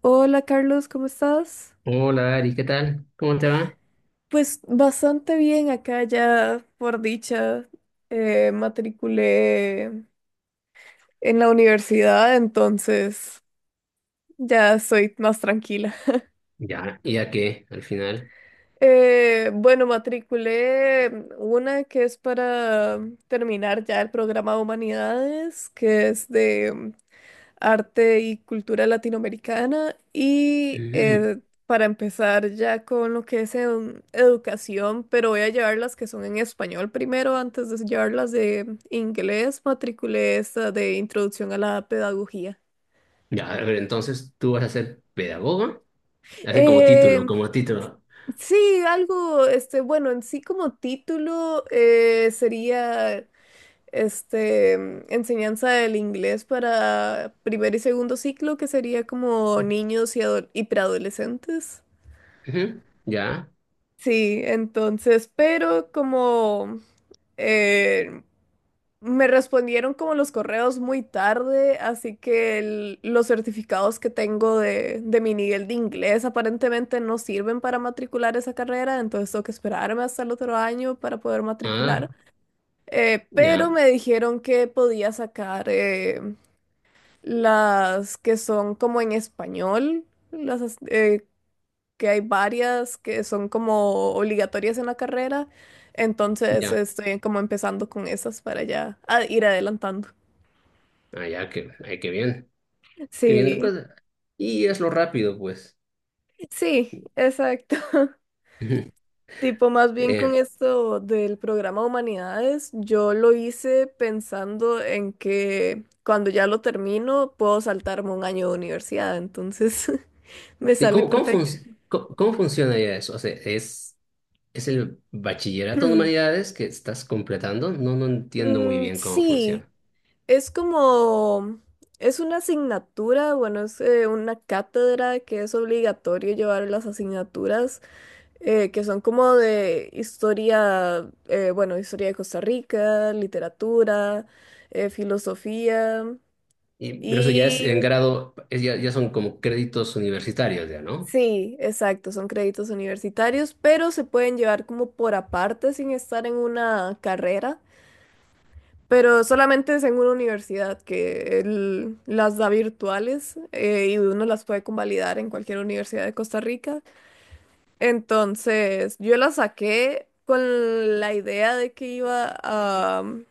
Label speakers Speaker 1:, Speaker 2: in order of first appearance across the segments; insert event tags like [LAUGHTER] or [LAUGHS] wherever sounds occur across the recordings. Speaker 1: Hola Carlos, ¿cómo estás?
Speaker 2: Hola Ari, ¿qué tal? ¿Cómo te va?
Speaker 1: Pues bastante bien acá ya, por dicha, matriculé en la universidad, entonces ya soy más tranquila.
Speaker 2: Ya, ¿y a qué al final?
Speaker 1: Bueno, matriculé una que es para terminar ya el programa de humanidades, que es de arte y cultura latinoamericana y
Speaker 2: Ujú.
Speaker 1: eh, para empezar ya con lo que es educación, pero voy a llevar las que son en español primero antes de llevar las de inglés. Matriculé esta de introducción a la pedagogía.
Speaker 2: Ya, a ver, entonces tú vas a ser pedagoga, así como título,
Speaker 1: Eh,
Speaker 2: como título.
Speaker 1: sí, algo, este, bueno, en sí como título sería este, enseñanza del inglés para primer y segundo ciclo, que sería como niños y y preadolescentes.
Speaker 2: Ujú. Ya,
Speaker 1: Sí, entonces, pero como eh, me respondieron como los correos muy tarde, así que los certificados que tengo de mi nivel de inglés aparentemente no sirven para matricular esa carrera, entonces tengo que esperarme hasta el otro año para poder
Speaker 2: ah,
Speaker 1: matricular. Pero
Speaker 2: ya,
Speaker 1: me dijeron que podía sacar las que son como en español, que hay varias que son como obligatorias en la carrera. Entonces
Speaker 2: ya,
Speaker 1: estoy como empezando con esas para ya ir adelantando.
Speaker 2: ah, ya, que, ay, qué bien la
Speaker 1: Sí,
Speaker 2: cosa. Y hazlo rápido, pues.
Speaker 1: sí, exacto. [LAUGHS]
Speaker 2: Ujú.
Speaker 1: Tipo, más
Speaker 2: [LAUGHS]
Speaker 1: bien con
Speaker 2: Bien.
Speaker 1: esto del programa Humanidades, yo lo hice pensando en que cuando ya lo termino puedo saltarme un año de universidad, entonces [LAUGHS] me
Speaker 2: ¿Y
Speaker 1: sale
Speaker 2: cómo, cómo,
Speaker 1: perfecto.
Speaker 2: cómo- cómo funciona ya eso? O sea, es el bachillerato de
Speaker 1: [CLEARS THROAT]
Speaker 2: humanidades que estás completando? No, no entiendo muy
Speaker 1: Mm,
Speaker 2: bien cómo
Speaker 1: sí.
Speaker 2: funciona.
Speaker 1: Es como, es una asignatura, bueno, es una cátedra que es obligatorio llevar las asignaturas que son como de historia, bueno, historia de Costa Rica, literatura, filosofía
Speaker 2: Y, pero eso ya es
Speaker 1: y
Speaker 2: en grado, es ya, ya son como créditos universitarios ya, ¿no?
Speaker 1: sí, exacto, son créditos universitarios, pero se pueden llevar como por aparte sin estar en una carrera. Pero solamente es en una universidad que él las da virtuales y uno las puede convalidar en cualquier universidad de Costa Rica. Entonces, yo la saqué con la idea de que iba a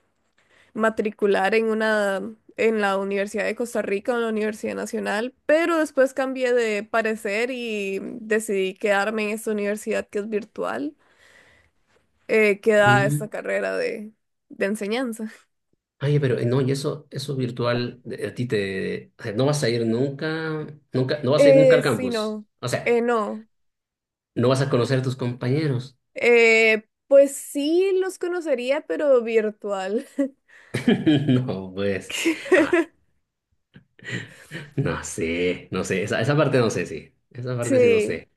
Speaker 1: matricular en una en la Universidad de Costa Rica o en la Universidad Nacional, pero después cambié de parecer y decidí quedarme en esta universidad que es virtual, que da
Speaker 2: Mm.
Speaker 1: esta carrera de enseñanza.
Speaker 2: Oye, pero no, y eso virtual, a ti te, o sea, no vas a ir nunca, nunca, no vas a ir nunca al
Speaker 1: Sí,
Speaker 2: campus.
Speaker 1: no.
Speaker 2: O sea,
Speaker 1: Eh, no,
Speaker 2: no vas a conocer a tus compañeros.
Speaker 1: Eh, Pues sí los conocería, pero virtual.
Speaker 2: [LAUGHS] No, pues, ah,
Speaker 1: [LAUGHS]
Speaker 2: no sé, no sé, esa parte no sé, sí, esa parte sí no
Speaker 1: Sí,
Speaker 2: sé.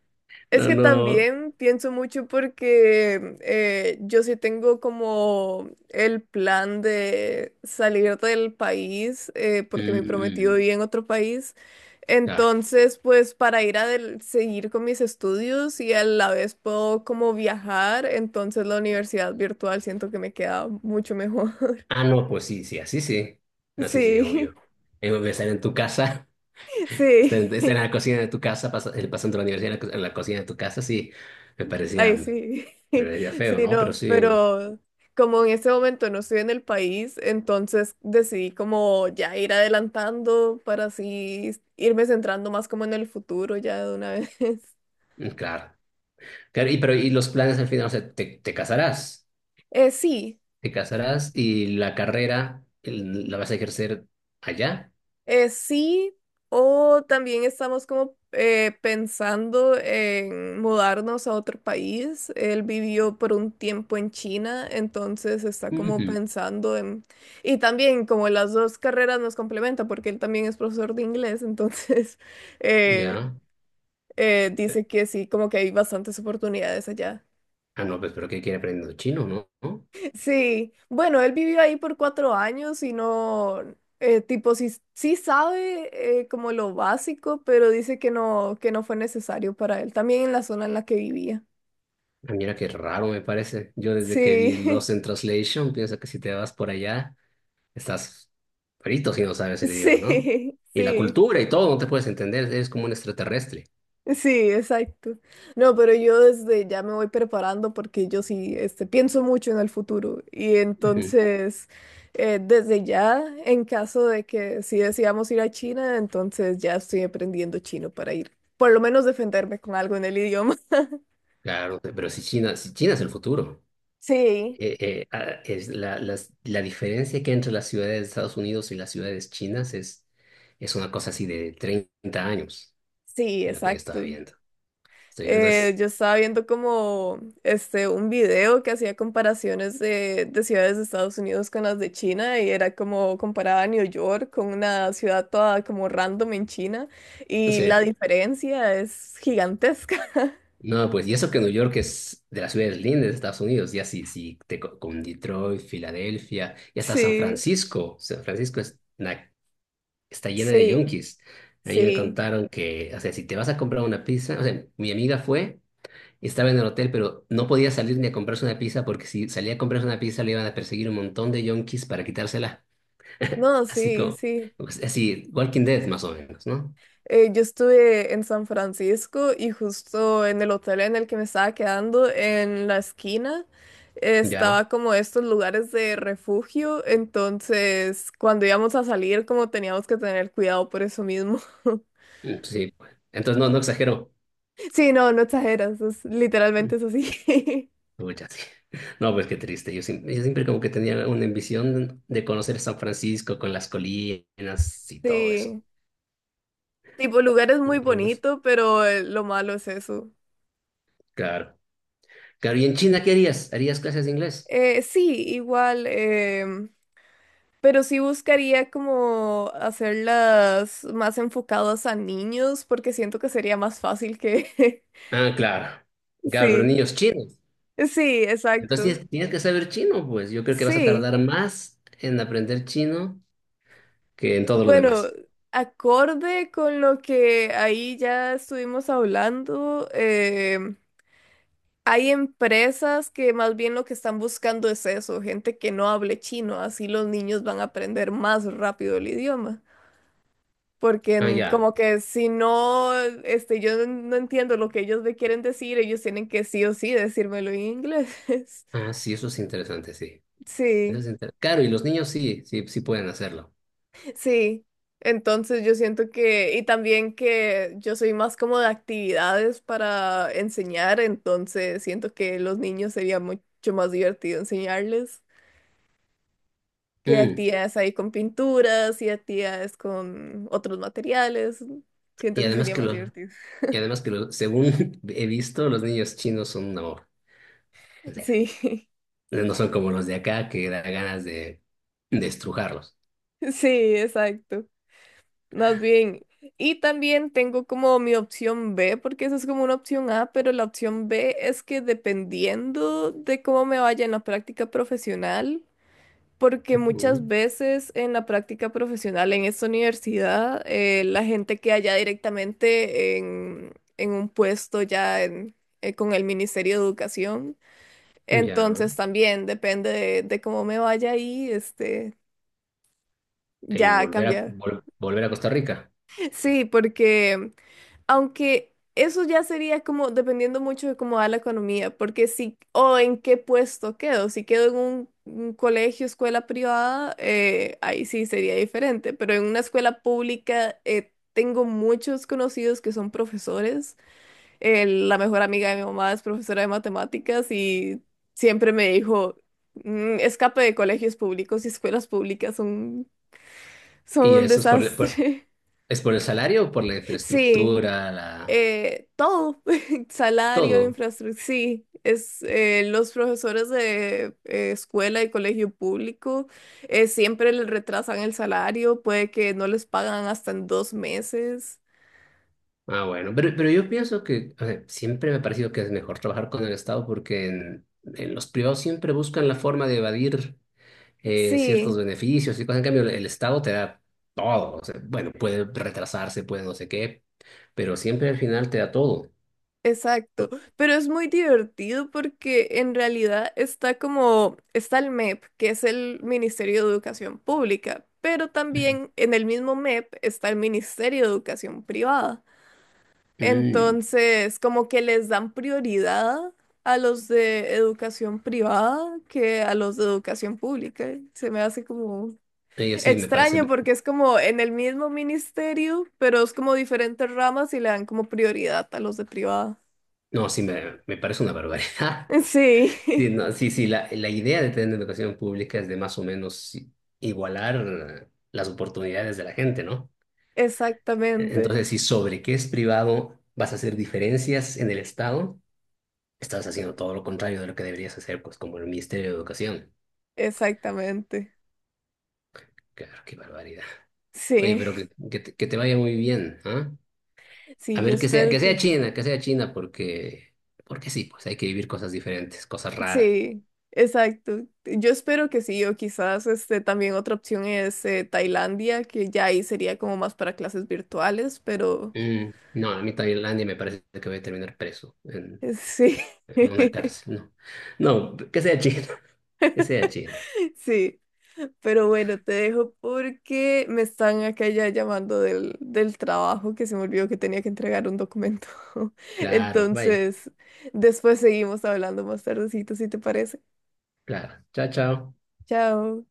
Speaker 1: es
Speaker 2: No,
Speaker 1: que
Speaker 2: no,
Speaker 1: también pienso mucho porque yo sí tengo como el plan de salir del país porque mi prometido
Speaker 2: mm,
Speaker 1: vive en otro país.
Speaker 2: claro.
Speaker 1: Entonces, pues para ir a seguir con mis estudios y a la vez puedo como viajar, entonces la universidad virtual siento que me queda mucho mejor. [LAUGHS]
Speaker 2: Ah, no, pues sí, sí, así sí, así sí,
Speaker 1: Sí,
Speaker 2: obvio. Voy a estar en tu casa.
Speaker 1: [LAUGHS]
Speaker 2: Está
Speaker 1: sí.
Speaker 2: en, está en la cocina de tu casa, pasando la universidad en la, en la cocina de tu casa, sí,
Speaker 1: Ay,
Speaker 2: me
Speaker 1: sí, [LAUGHS]
Speaker 2: parecía feo,
Speaker 1: sí,
Speaker 2: ¿no? Pero
Speaker 1: no,
Speaker 2: sí,
Speaker 1: pero como en ese momento no estoy en el país, entonces decidí como ya ir adelantando para así irme centrando más como en el futuro ya de una vez. [LAUGHS]
Speaker 2: mm, claro. Claro, y, pero, y los planes al final, o sea, te,
Speaker 1: Sí,
Speaker 2: te casarás y la carrera la vas a ejercer allá.
Speaker 1: Sí, o también estamos como pensando en mudarnos a otro país. Él vivió por un tiempo en China, entonces está como
Speaker 2: Ujú.
Speaker 1: pensando en... Y también como las dos carreras nos complementan, porque él también es profesor de inglés, entonces [LAUGHS] eh,
Speaker 2: Ya. Eh,
Speaker 1: dice que sí, como que hay bastantes oportunidades allá.
Speaker 2: ah, no, pues, pero ¿qué quiere aprender chino, no? ¿No?
Speaker 1: Sí, bueno, él vivió ahí por 4 años y no, tipo, sí, sí sabe como lo básico, pero dice que no fue necesario para él, también en la zona en la que vivía.
Speaker 2: Ah, mira qué raro me parece. Yo desde que vi
Speaker 1: Sí,
Speaker 2: Lost in Translation, pienso que si te vas por allá. Estás frito si no sabes
Speaker 1: [LAUGHS]
Speaker 2: el idioma, ¿no?
Speaker 1: sí,
Speaker 2: Y la
Speaker 1: sí.
Speaker 2: cultura y todo, no te puedes entender, eres como un extraterrestre.
Speaker 1: Sí, exacto. No, pero yo desde ya me voy preparando porque yo sí, este, pienso mucho en el futuro y
Speaker 2: Ujú.
Speaker 1: entonces desde ya, en caso de que si decidamos ir a China, entonces ya estoy aprendiendo chino para ir, por lo menos defenderme con algo en el idioma. [LAUGHS]
Speaker 2: Claro, pero si China, si China es el futuro,
Speaker 1: Sí,
Speaker 2: Es la, la diferencia que hay entre las ciudades de Estados Unidos y las ciudades chinas es una cosa así de 30 años,
Speaker 1: sí,
Speaker 2: lo que yo estaba
Speaker 1: exacto.
Speaker 2: viendo. Estoy viendo es,
Speaker 1: Yo estaba viendo como este un video que hacía comparaciones de ciudades de Estados Unidos con las de China y era como comparaba a New York con una ciudad toda como random en China
Speaker 2: no
Speaker 1: y la
Speaker 2: sé,
Speaker 1: diferencia es gigantesca. [LAUGHS]
Speaker 2: no, pues, y eso que New York es de las ciudades lindas de Estados Unidos, ya si, si con Detroit, Filadelfia, y hasta San
Speaker 1: Sí,
Speaker 2: Francisco, San Francisco es una, está llena de
Speaker 1: sí,
Speaker 2: yonkis. A mí me
Speaker 1: sí.
Speaker 2: contaron que, o sea, si te vas a comprar una pizza, o sea, mi amiga fue, estaba en el hotel, pero no podía salir ni a comprarse una pizza porque si salía a comprarse una pizza le iban a perseguir un montón de yonkis para quitársela.
Speaker 1: No,
Speaker 2: Así
Speaker 1: sí,
Speaker 2: como,
Speaker 1: sí.
Speaker 2: pues, así, Walking Dead más o menos, ¿no?
Speaker 1: Yo estuve en San Francisco y justo en el hotel en el que me estaba quedando, en la esquina,
Speaker 2: Ya,
Speaker 1: estaba como estos lugares de refugio, entonces cuando íbamos a salir como teníamos que tener cuidado por eso mismo. [LAUGHS]
Speaker 2: mm, sí, pues. Entonces, no, no exagero.
Speaker 1: Sí, no, no exageras, es
Speaker 2: Mm,
Speaker 1: literalmente es así. [LAUGHS]
Speaker 2: pucha, sí. [LAUGHS] No, pues qué triste. Yo siempre como que tenía una ambición de conocer San Francisco con las colinas y todo eso.
Speaker 1: Sí, tipo lugar es muy
Speaker 2: No, pues,
Speaker 1: bonito, pero lo malo es eso.
Speaker 2: claro. Claro, ¿y en China qué harías? ¿Harías clases de inglés?
Speaker 1: Sí, igual. Pero sí buscaría como hacerlas más enfocadas a niños porque siento que sería más fácil que... [LAUGHS]
Speaker 2: Ah, claro. Claro, pero
Speaker 1: Sí,
Speaker 2: niños chinos.
Speaker 1: sí,
Speaker 2: Entonces
Speaker 1: exacto.
Speaker 2: tienes, tienes que saber chino, pues. Yo creo que vas a
Speaker 1: Sí.
Speaker 2: tardar más en aprender chino que en todo lo
Speaker 1: Bueno,
Speaker 2: demás.
Speaker 1: acorde con lo que ahí ya estuvimos hablando, hay empresas que más bien lo que están buscando es eso, gente que no hable chino, así los niños van a aprender más rápido el idioma. Porque
Speaker 2: Ah, ya.
Speaker 1: como que si no, este, yo no entiendo lo que ellos me quieren decir, ellos tienen que sí o sí decírmelo en inglés. [LAUGHS]
Speaker 2: Ah, sí, eso es interesante, sí.
Speaker 1: Sí,
Speaker 2: Claro, y los niños sí, sí, sí pueden hacerlo.
Speaker 1: sí. Entonces yo siento que, y también que yo soy más como de actividades para enseñar, entonces siento que los niños sería mucho más divertido enseñarles que
Speaker 2: Mm,
Speaker 1: actividades ahí con pinturas y actividades con otros materiales. Siento
Speaker 2: y
Speaker 1: que
Speaker 2: además
Speaker 1: sería
Speaker 2: que
Speaker 1: más
Speaker 2: lo,
Speaker 1: divertido.
Speaker 2: y además que lo, según [LAUGHS] he visto, los niños chinos son un amor. O sea,
Speaker 1: [LAUGHS] Sí,
Speaker 2: no son como los de acá que da ganas de estrujarlos.
Speaker 1: [LAUGHS] sí, exacto. Más bien. Y también tengo como mi opción B, porque esa es como una opción A, pero la opción B es que dependiendo de cómo me vaya en la práctica profesional, porque
Speaker 2: Ujú.
Speaker 1: muchas veces en la práctica profesional en esta universidad, la gente queda ya directamente en un puesto ya con el Ministerio de Educación.
Speaker 2: Ya.
Speaker 1: Entonces también depende de cómo me vaya ahí, este,
Speaker 2: Y
Speaker 1: ya
Speaker 2: volver a,
Speaker 1: cambia.
Speaker 2: volver a Costa Rica.
Speaker 1: Sí, porque... Aunque eso ya sería como dependiendo mucho de cómo va la economía, porque si, o en qué puesto quedo, si quedo en un colegio, escuela privada, ahí sí sería diferente, pero en una escuela pública tengo muchos conocidos que son profesores. La mejor amiga de mi mamá es profesora de matemáticas y siempre me dijo, "Mm, escape de colegios públicos y escuelas públicas son, son
Speaker 2: ¿Y
Speaker 1: un
Speaker 2: eso es por,
Speaker 1: desastre".
Speaker 2: es por el salario o por la
Speaker 1: [LAUGHS] Sí.
Speaker 2: infraestructura, la,
Speaker 1: Todo, [LAUGHS] salario,
Speaker 2: todo?
Speaker 1: infraestructura, sí, es, los profesores de escuela y colegio público siempre les retrasan el salario, puede que no les pagan hasta en 2 meses.
Speaker 2: Ah, bueno, pero yo pienso que, a ver, siempre me ha parecido que es mejor trabajar con el Estado porque en los privados siempre buscan la forma de evadir ciertos
Speaker 1: Sí,
Speaker 2: beneficios y cosas. En cambio, el Estado te da todo. O sea, bueno, puede retrasarse, puede no sé qué, pero siempre al final te da todo.
Speaker 1: exacto, pero es muy divertido porque en realidad está como, está el MEP, que es el Ministerio de Educación Pública, pero también en el mismo MEP está el Ministerio de Educación Privada.
Speaker 2: Mm.
Speaker 1: Entonces, como que les dan prioridad a los de educación privada que a los de educación pública. Se me hace como
Speaker 2: Y así me parece,
Speaker 1: extraño porque es como en el mismo ministerio, pero es como diferentes ramas y le dan como prioridad a los de privada.
Speaker 2: no, sí me parece una barbaridad. [LAUGHS]
Speaker 1: Sí,
Speaker 2: Sí, no, sí, sí, la idea de tener educación pública es de más o menos igualar las oportunidades de la gente, ¿no?
Speaker 1: [LAUGHS] exactamente,
Speaker 2: Entonces, si sobre qué es privado vas a hacer diferencias en el Estado, estás haciendo todo lo contrario de lo que deberías hacer, pues como el Ministerio de Educación.
Speaker 1: exactamente.
Speaker 2: Claro, qué barbaridad. Oye,
Speaker 1: Sí,
Speaker 2: pero que te vaya muy bien, ¿ah? A
Speaker 1: sí, yo
Speaker 2: ver,
Speaker 1: espero que...
Speaker 2: Que sea China, porque, porque sí, pues hay que vivir cosas diferentes, cosas raras.
Speaker 1: Sí, exacto. Yo espero que sí, o quizás este también otra opción es Tailandia, que ya ahí sería como más para clases virtuales, pero
Speaker 2: Mm, no, a mí Tailandia me parece que voy a terminar preso.
Speaker 1: sí.
Speaker 2: Una
Speaker 1: [LAUGHS]
Speaker 2: cárcel, no. No, que sea China, [LAUGHS] que sea China.
Speaker 1: Sí, pero bueno, te dejo porque me están acá ya llamando del, del trabajo que se me olvidó que tenía que entregar un documento. [LAUGHS]
Speaker 2: Claro, vaya,
Speaker 1: Entonces, después seguimos hablando más tardecito, si te parece.
Speaker 2: claro. Chao, chao.
Speaker 1: Chao.